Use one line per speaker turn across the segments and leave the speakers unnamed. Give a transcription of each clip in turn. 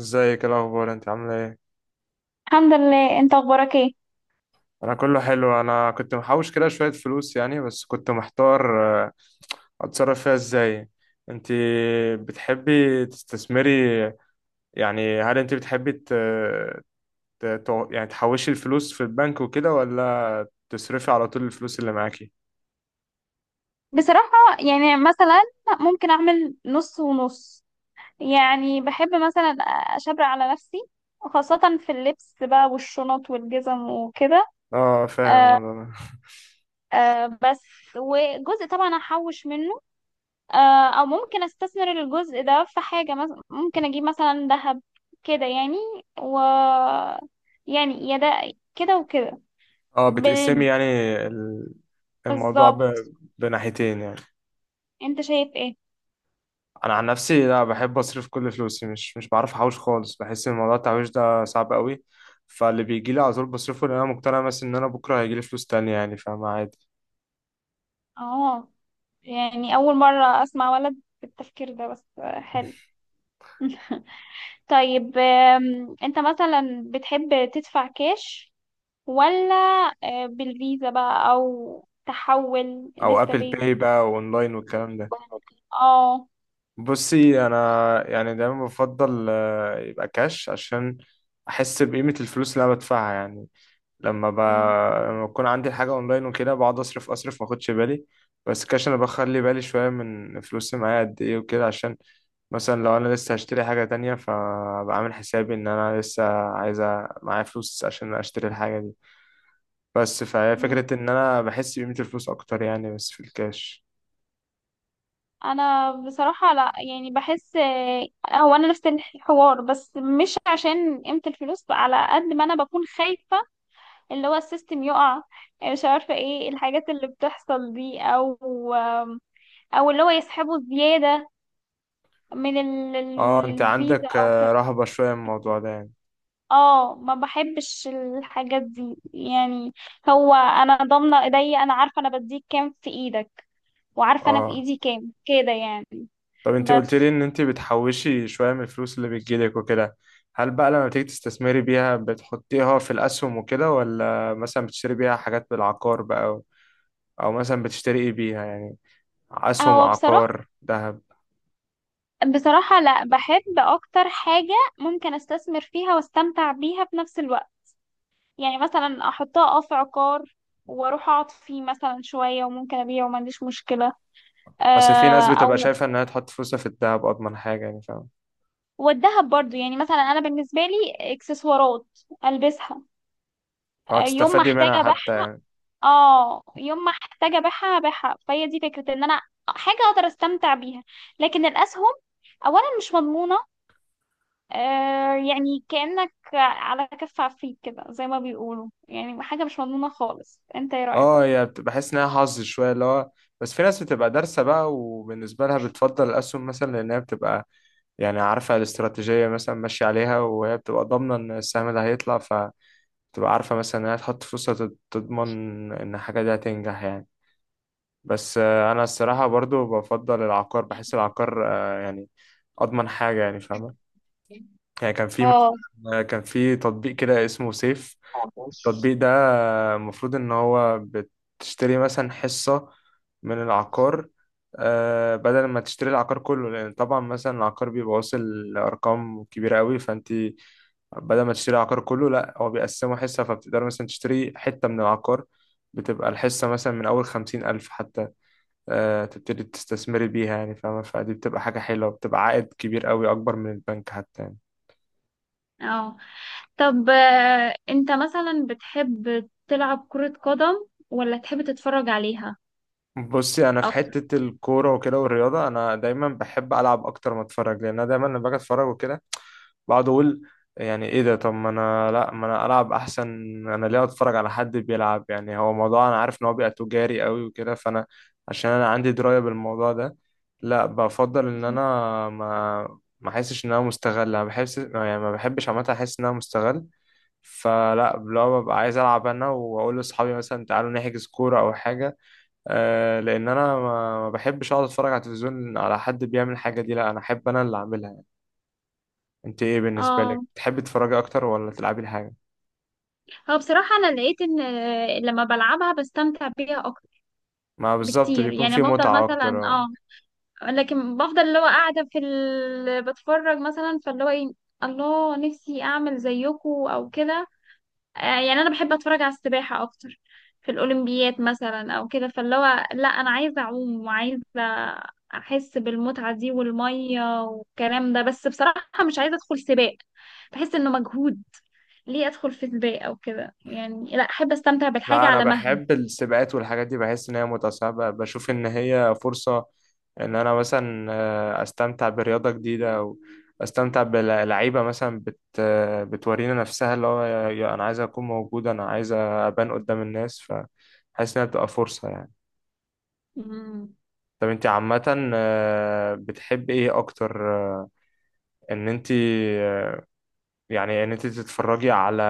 ازيك؟ ايه الاخبار، انت عامله ايه؟
الحمد لله، انت اخبارك ايه؟
انا كله حلو. انا كنت محوش كده شويه فلوس يعني، بس كنت محتار اتصرف فيها ازاي. انت بتحبي تستثمري؟ يعني هل انت بتحبي يعني تحوشي الفلوس في البنك وكده، ولا تصرفي على طول الفلوس اللي معاكي؟
بصراحة يعني مثلا ممكن اعمل نص ونص. يعني بحب مثلا اشبر على نفسي، خاصة في اللبس بقى والشنط والجزم وكده.
اه، فاهم
آه،
الموضوع ده.
آه، بس. وجزء طبعا احوش منه. آه، او ممكن استثمر الجزء ده في حاجة، مثلا ممكن اجيب مثلا ذهب كده يعني. و يعني يا ده كده وكده.
اه، بتقسمي
بال-
يعني ال- الموضوع
بالظبط.
بناحيتين يعني.
انت شايف ايه؟
انا عن نفسي لا، بحب اصرف كل فلوسي، مش بعرف احوش خالص، بحس ان موضوع التحويش ده صعب قوي. فاللي بيجي لي على طول بصرفه، لان انا مقتنع مثلا ان انا بكره هيجي لي فلوس تانية يعني، فاهم، عادي.
اه، يعني أول مرة أسمع ولد بالتفكير ده، بس حلو. طيب، أنت مثلا بتحب تدفع كاش، ولا بالفيزا بقى، أو تحول
او
لسه
ابل
بي؟
باي بقى، واونلاين والكلام ده.
اه.
بصي انا يعني دايما بفضل يبقى كاش، عشان احس بقيمة الفلوس اللي انا بدفعها يعني. لما ب...
مم.
لما بكون عندي حاجة اونلاين وكده بقعد اصرف اصرف، ما اخدش بالي. بس كاش انا بخلي بالي شوية، من فلوسي معايا قد ايه وكده، عشان مثلا لو انا لسه هشتري حاجة تانية فابقى عامل حسابي ان انا لسه عايزة معايا فلوس عشان اشتري الحاجة دي. بس فهي
مم.
فكرة ان انا بحس بقيمة الفلوس اكتر يعني، بس في الكاش.
انا بصراحة لا، يعني بحس، هو انا نفس الحوار، بس مش عشان قيمة الفلوس، على قد ما انا بكون خايفة. اللي هو السيستم يقع، مش عارفة ايه الحاجات اللي بتحصل دي، او اللي هو يسحبوا زيادة من
اه، انت
الفيزا
عندك
او كده.
رهبة شوية من الموضوع ده يعني.
اه، ما بحبش الحاجات دي يعني. هو انا ضامنة ايديا، انا عارفة انا بديك كام في ايدك، وعارفة انا في
اه،
ايدي كام كده يعني.
طب انت قلت لي
بس،
ان انت بتحوشي شوية من الفلوس اللي بتجيلك وكده، هل بقى لما بتيجي تستثمري بيها بتحطيها في الاسهم وكده، ولا مثلا بتشتري بيها حاجات بالعقار بقى، او أو مثلا بتشتري ايه بيها يعني؟ اسهم،
هو بصراحة
عقار ده.
بصراحة لا، بحب اكتر حاجة ممكن استثمر فيها واستمتع بيها في نفس الوقت. يعني مثلا احطها في عقار، واروح اقعد فيه مثلا شوية، وممكن ابيعه وما عنديش مشكلة،
اصل في ناس بتبقى
او.
شايفة انها تحط فلوسها في الدهب اضمن حاجة يعني، فاهم.
والدهب برضو، يعني مثلا انا بالنسبه لي اكسسوارات البسها،
اه،
يوم ما
تستفادي
احتاج
منها حتى
ابيعها.
يعني.
ابيعها، فهي دي فكره ان انا حاجه اقدر استمتع بيها. لكن الاسهم اولا مش مضمونه، يعني كانك على كف عفريت كده، زي ما بيقولوا، يعني حاجه مش مضمونه خالص. انت ايه رايك؟
اه، هي بحس انها حظ شوية اللي هو. بس في ناس بتبقى دارسة بقى، وبالنسبة لها بتفضل الأسهم مثلا، لأنها بتبقى يعني عارفة الاستراتيجية مثلا ماشية عليها، وهي بتبقى ضامنة إن السهم ده هيطلع، فبتبقى عارفة مثلا إنها تحط فلوسها تضمن إن الحاجة دي هتنجح يعني. بس أنا الصراحة برضو بفضل العقار، بحس العقار يعني أضمن حاجة يعني، فاهم. يعني كان في
اه،
مثلا كان في تطبيق كده اسمه سيف. التطبيق ده المفروض ان هو بتشتري مثلا حصة من العقار. بدل ما تشتري العقار كله، لان طبعا مثلا العقار بيبقى واصل لارقام كبيره قوي، فانت بدل ما تشتري العقار كله لا، هو بيقسمه حصه، فبتقدر مثلا تشتري حته من العقار. بتبقى الحصه مثلا من اول خمسين الف حتى. تبتدي تستثمري بيها يعني، فاهمه. فدي بتبقى حاجه حلوه، بتبقى عائد كبير قوي اكبر من البنك حتى يعني.
اه. طب، انت مثلا بتحب تلعب كرة قدم ولا تحب تتفرج عليها
بصي انا في
اكتر؟
حته الكوره وكده والرياضه، انا دايما بحب العب اكتر ما اتفرج، لان انا دايما لما باجي اتفرج وكده بقعد اقول يعني ايه ده، طب ما انا لا، ما انا العب احسن. انا ليه اتفرج على حد بيلعب يعني؟ هو موضوع انا عارف ان هو بيبقى تجاري قوي وكده، فانا عشان انا عندي درايه بالموضوع ده لا، بفضل ان
مم.
انا ما احسش ان انا مستغل. انا بحس يعني ما بحبش عامه احس ان انا مستغل. فلا، لو ببقى عايز العب انا واقول لاصحابي مثلا تعالوا نحجز كوره او حاجه. لان انا ما بحبش اقعد اتفرج على التلفزيون على حد بيعمل الحاجه دي. لا، انا احب انا اللي اعملها يعني. انت ايه بالنسبه لك،
اه،
تحبي تتفرجي اكتر ولا تلعبي الحاجه؟
هو بصراحة انا لقيت ان، لما بلعبها بستمتع بيها اكتر
ما بالظبط،
بكتير.
بيكون
يعني
في
بفضل
متعه اكتر
مثلا، لكن بفضل اللي هو قاعدة بتفرج مثلا، فاللي هو ايه. الله، نفسي اعمل زيكو او كده، يعني انا بحب اتفرج على السباحه اكتر في الاولمبيات مثلا او كده، فاللي هو لا، انا عايزه اعوم، وعايزه احس بالمتعه دي، والميه والكلام ده، بس بصراحه مش عايزه ادخل سباق. بحس انه مجهود. ليه ادخل في سباق او كده يعني؟ لا، احب استمتع بالحاجه
لا انا
على مهلي.
بحب السباقات والحاجات دي، بحس ان هي متعه، ساعات بشوف ان هي فرصه ان انا مثلا استمتع برياضه جديده، او استمتع بلعيبه مثلا بت آه، بتورينا نفسها اللي هو يا انا عايز اكون موجود، انا عايز ابان قدام الناس، فحاسس انها بتبقى فرصه يعني.
مم.
طب انت عامة بتحب ايه اكتر؟ آه، ان انت آه، يعني ان انت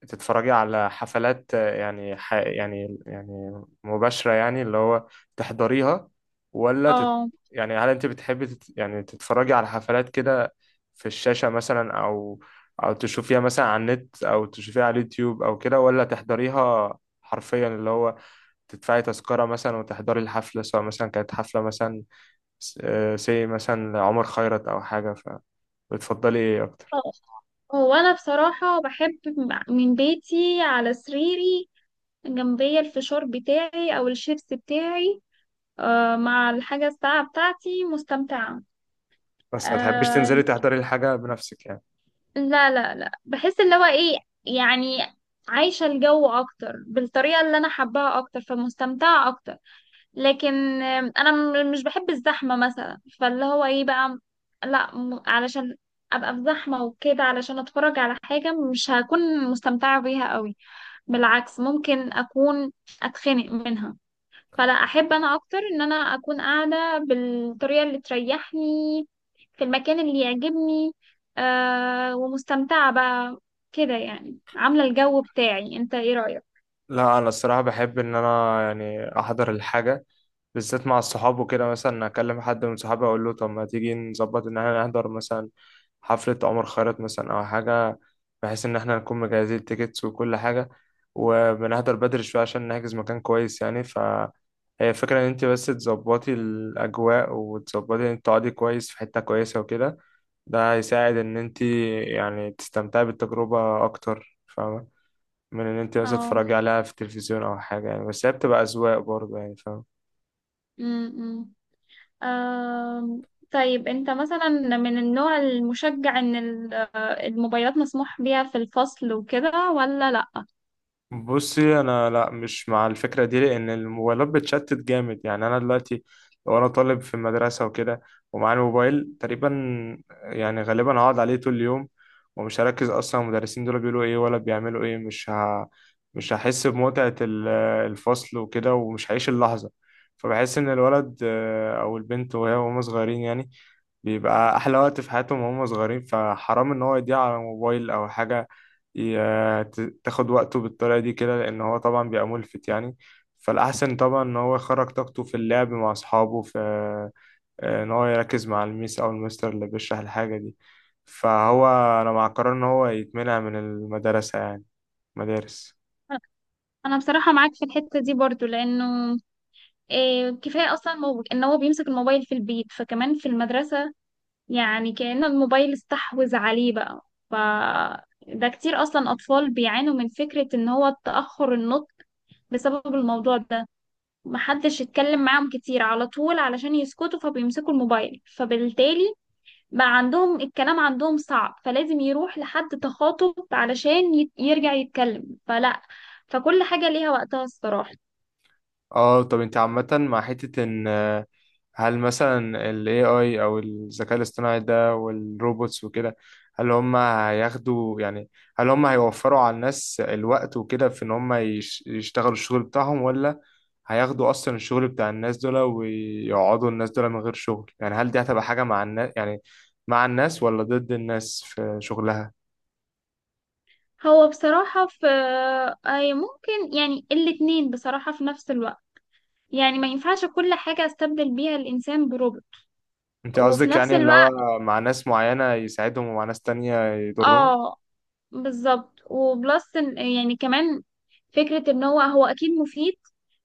تتفرجي على حفلات، يعني يعني مباشرة يعني، اللي هو تحضريها، ولا تت...
اه.
يعني هل انت بتحبي يعني تتفرجي على حفلات كده في الشاشة مثلا، او او تشوفيها مثلا على النت، او تشوفيها على اليوتيوب او كده، ولا تحضريها حرفيا، اللي هو تدفعي تذكرة مثلا وتحضري الحفلة، سواء مثلا كانت حفلة مثلا سي مثلا عمر خيرت او حاجه؟ فبتفضلي ايه اكتر؟
هو انا بصراحه بحب من بيتي على سريري، جنبي الفشار بتاعي او الشيبس بتاعي، مع الحاجة الساعة بتاعتي، مستمتعة.
بس ما تحبيش
آه.
تنزلي تحضري الحاجه بنفسك يعني؟
لا، لا، لا، بحس اللي هو ايه، يعني عايشة الجو أكتر بالطريقة اللي أنا حباها أكتر، فمستمتعة أكتر. لكن، أنا مش بحب الزحمة مثلا، فاللي هو ايه بقى، لا علشان أبقى في زحمة وكده علشان أتفرج على حاجة، مش هكون مستمتعة بيها قوي، بالعكس ممكن أكون أتخنق منها. فلا، احب انا اكتر ان انا اكون قاعده بالطريقه اللي تريحني، في المكان اللي يعجبني، ومستمتعه بقى كده يعني، عامله الجو بتاعي. انت ايه رايك؟
لا، انا الصراحه بحب ان انا يعني احضر الحاجه، بالذات مع الصحاب وكده. مثلا اكلم حد من صحابي اقول له طب ما تيجي نظبط ان احنا نحضر مثلا حفله عمر خيرت مثلا او حاجه، بحيث ان احنا نكون مجهزين التيكتس وكل حاجه، وبنحضر بدري شويه عشان نحجز مكان كويس يعني. ف هي الفكرة إن أنت بس تظبطي الأجواء، وتظبطي إن أنت تقعدي كويس في حتة كويسة وكده. ده هيساعد إن أنت يعني تستمتعي بالتجربة أكتر، فاهمة، من إن أنت بس
اه.
تتفرجي عليها في التلفزيون أو حاجة يعني. بس هي بتبقى أذواق برضه يعني، فاهمة.
امم آه طيب انت مثلا من النوع المشجع ان الموبايلات مسموح بيها في الفصل وكده، ولا لا؟
بصي انا لا، مش مع الفكره دي، لان الموبايلات بتشتت جامد يعني. انا دلوقتي لو انا طالب في المدرسه وكده، ومعايا الموبايل، تقريبا يعني غالبا هقعد عليه طول اليوم، ومش هركز اصلا المدرسين دول بيقولوا ايه ولا بيعملوا ايه. مش هحس بمتعه الفصل وكده، ومش هعيش اللحظه. فبحس ان الولد او البنت، وهي وهم صغيرين يعني، بيبقى احلى وقت في حياتهم وهم صغيرين، فحرام ان هو يضيع على موبايل او حاجه تاخد وقته بالطريقة دي كده، لأن هو طبعا بيبقى ملفت يعني. فالأحسن طبعا إن هو يخرج طاقته في اللعب مع أصحابه، في إن هو يركز مع الميس أو المستر اللي بيشرح الحاجة دي. فهو، أنا مع قرار إن هو يتمنع من المدرسة يعني، مدارس.
انا بصراحه معاك في الحته دي برضو، لانه كفايه اصلا، ان هو بيمسك الموبايل في البيت، فكمان في المدرسه، يعني كأن الموبايل استحوذ عليه بقى. ده كتير أصلا، أطفال بيعانوا من فكرة إن هو تأخر النطق بسبب الموضوع ده. محدش يتكلم معاهم كتير، على طول علشان يسكتوا فبيمسكوا الموبايل، فبالتالي بقى عندهم الكلام، عندهم صعب، فلازم يروح لحد تخاطب علشان يرجع يتكلم. فلا، فكل حاجة ليها وقتها الصراحة.
اه، طب انت عامة مع حتة ان هل مثلا ال AI او الذكاء الاصطناعي ده والروبوتس وكده، هل هم هياخدوا يعني، هل هم هيوفروا على الناس الوقت وكده في ان هم يشتغلوا الشغل بتاعهم، ولا هياخدوا اصلا الشغل بتاع الناس دول ويقعدوا الناس دول من غير شغل يعني؟ هل دي هتبقى حاجة مع الناس يعني، مع الناس ولا ضد الناس في شغلها؟
هو بصراحة في أي ممكن، يعني الاتنين بصراحة في نفس الوقت. يعني ما ينفعش كل حاجة استبدل بيها الإنسان بروبوت،
انت
وفي
قصدك
نفس
يعني اللي
الوقت.
هو مع ناس معينة يساعدهم ومع ناس تانية يضرهم؟
اه، بالظبط. وبلس يعني كمان فكرة ان هو اكيد مفيد،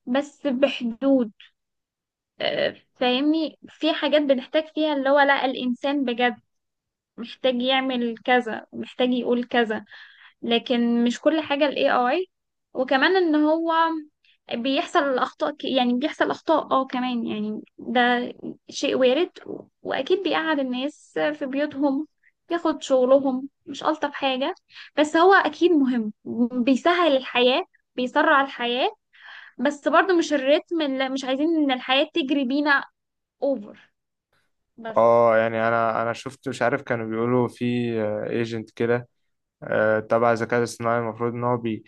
بس بحدود. آه، فاهمني، في حاجات بنحتاج فيها اللي هو لا، الإنسان بجد محتاج يعمل كذا، محتاج يقول كذا، لكن مش كل حاجة ال AI. وكمان ان هو بيحصل اخطاء، يعني بيحصل اخطاء، كمان يعني، ده شيء وارد. واكيد بيقعد الناس في بيوتهم، بياخد شغلهم، مش الطف حاجة، بس هو اكيد مهم، بيسهل الحياة، بيسرع الحياة، بس برضو مش الريتم اللي مش عايزين ان الحياة تجري بينا اوفر. بس
اه، يعني انا شفت، مش عارف، كانوا بيقولوا في ايجنت كده، تبع الذكاء الاصطناعي، المفروض ان هو بي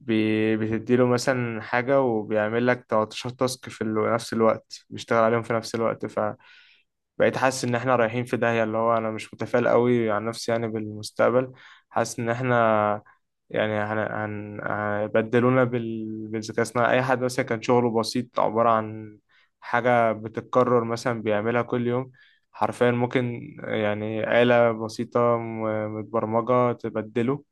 بي بتديله مثلا حاجة وبيعمل لك 13 تاسك في نفس الوقت، بيشتغل عليهم في نفس الوقت. بقيت حاسس ان احنا رايحين في داهية، اللي هو انا مش متفائل قوي عن نفسي يعني بالمستقبل. حاسس ان احنا يعني هيبدلونا بالذكاء الصناعي. اي حد مثلا كان شغله بسيط عبارة عن حاجة بتتكرر مثلا بيعملها كل يوم، حرفيا ممكن يعني آلة بسيطة متبرمجة تبدله.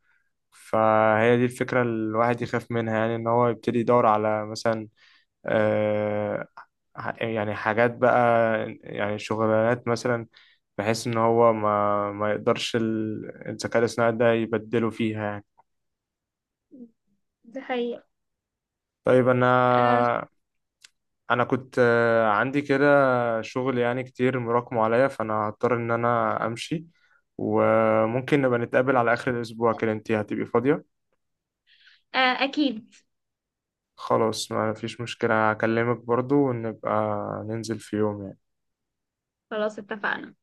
فهي دي الفكرة اللي الواحد يخاف منها يعني، ان هو يبتدي يدور على مثلا آه، يعني حاجات بقى، يعني شغلانات مثلا، بحيث ان هو ما يقدرش الذكاء الاصطناعي ده يبدله فيها يعني.
دي حقيقة.
طيب، انا
آه.
انا كنت عندي كده شغل يعني كتير مراكمه عليا، فانا هضطر ان انا امشي. وممكن نبقى نتقابل على اخر الاسبوع كده، انتي هتبقي فاضية؟
آه، اكيد.
خلاص، ما فيش مشكلة. هكلمك برضو، ونبقى ننزل في يوم يعني.
خلاص، اتفقنا.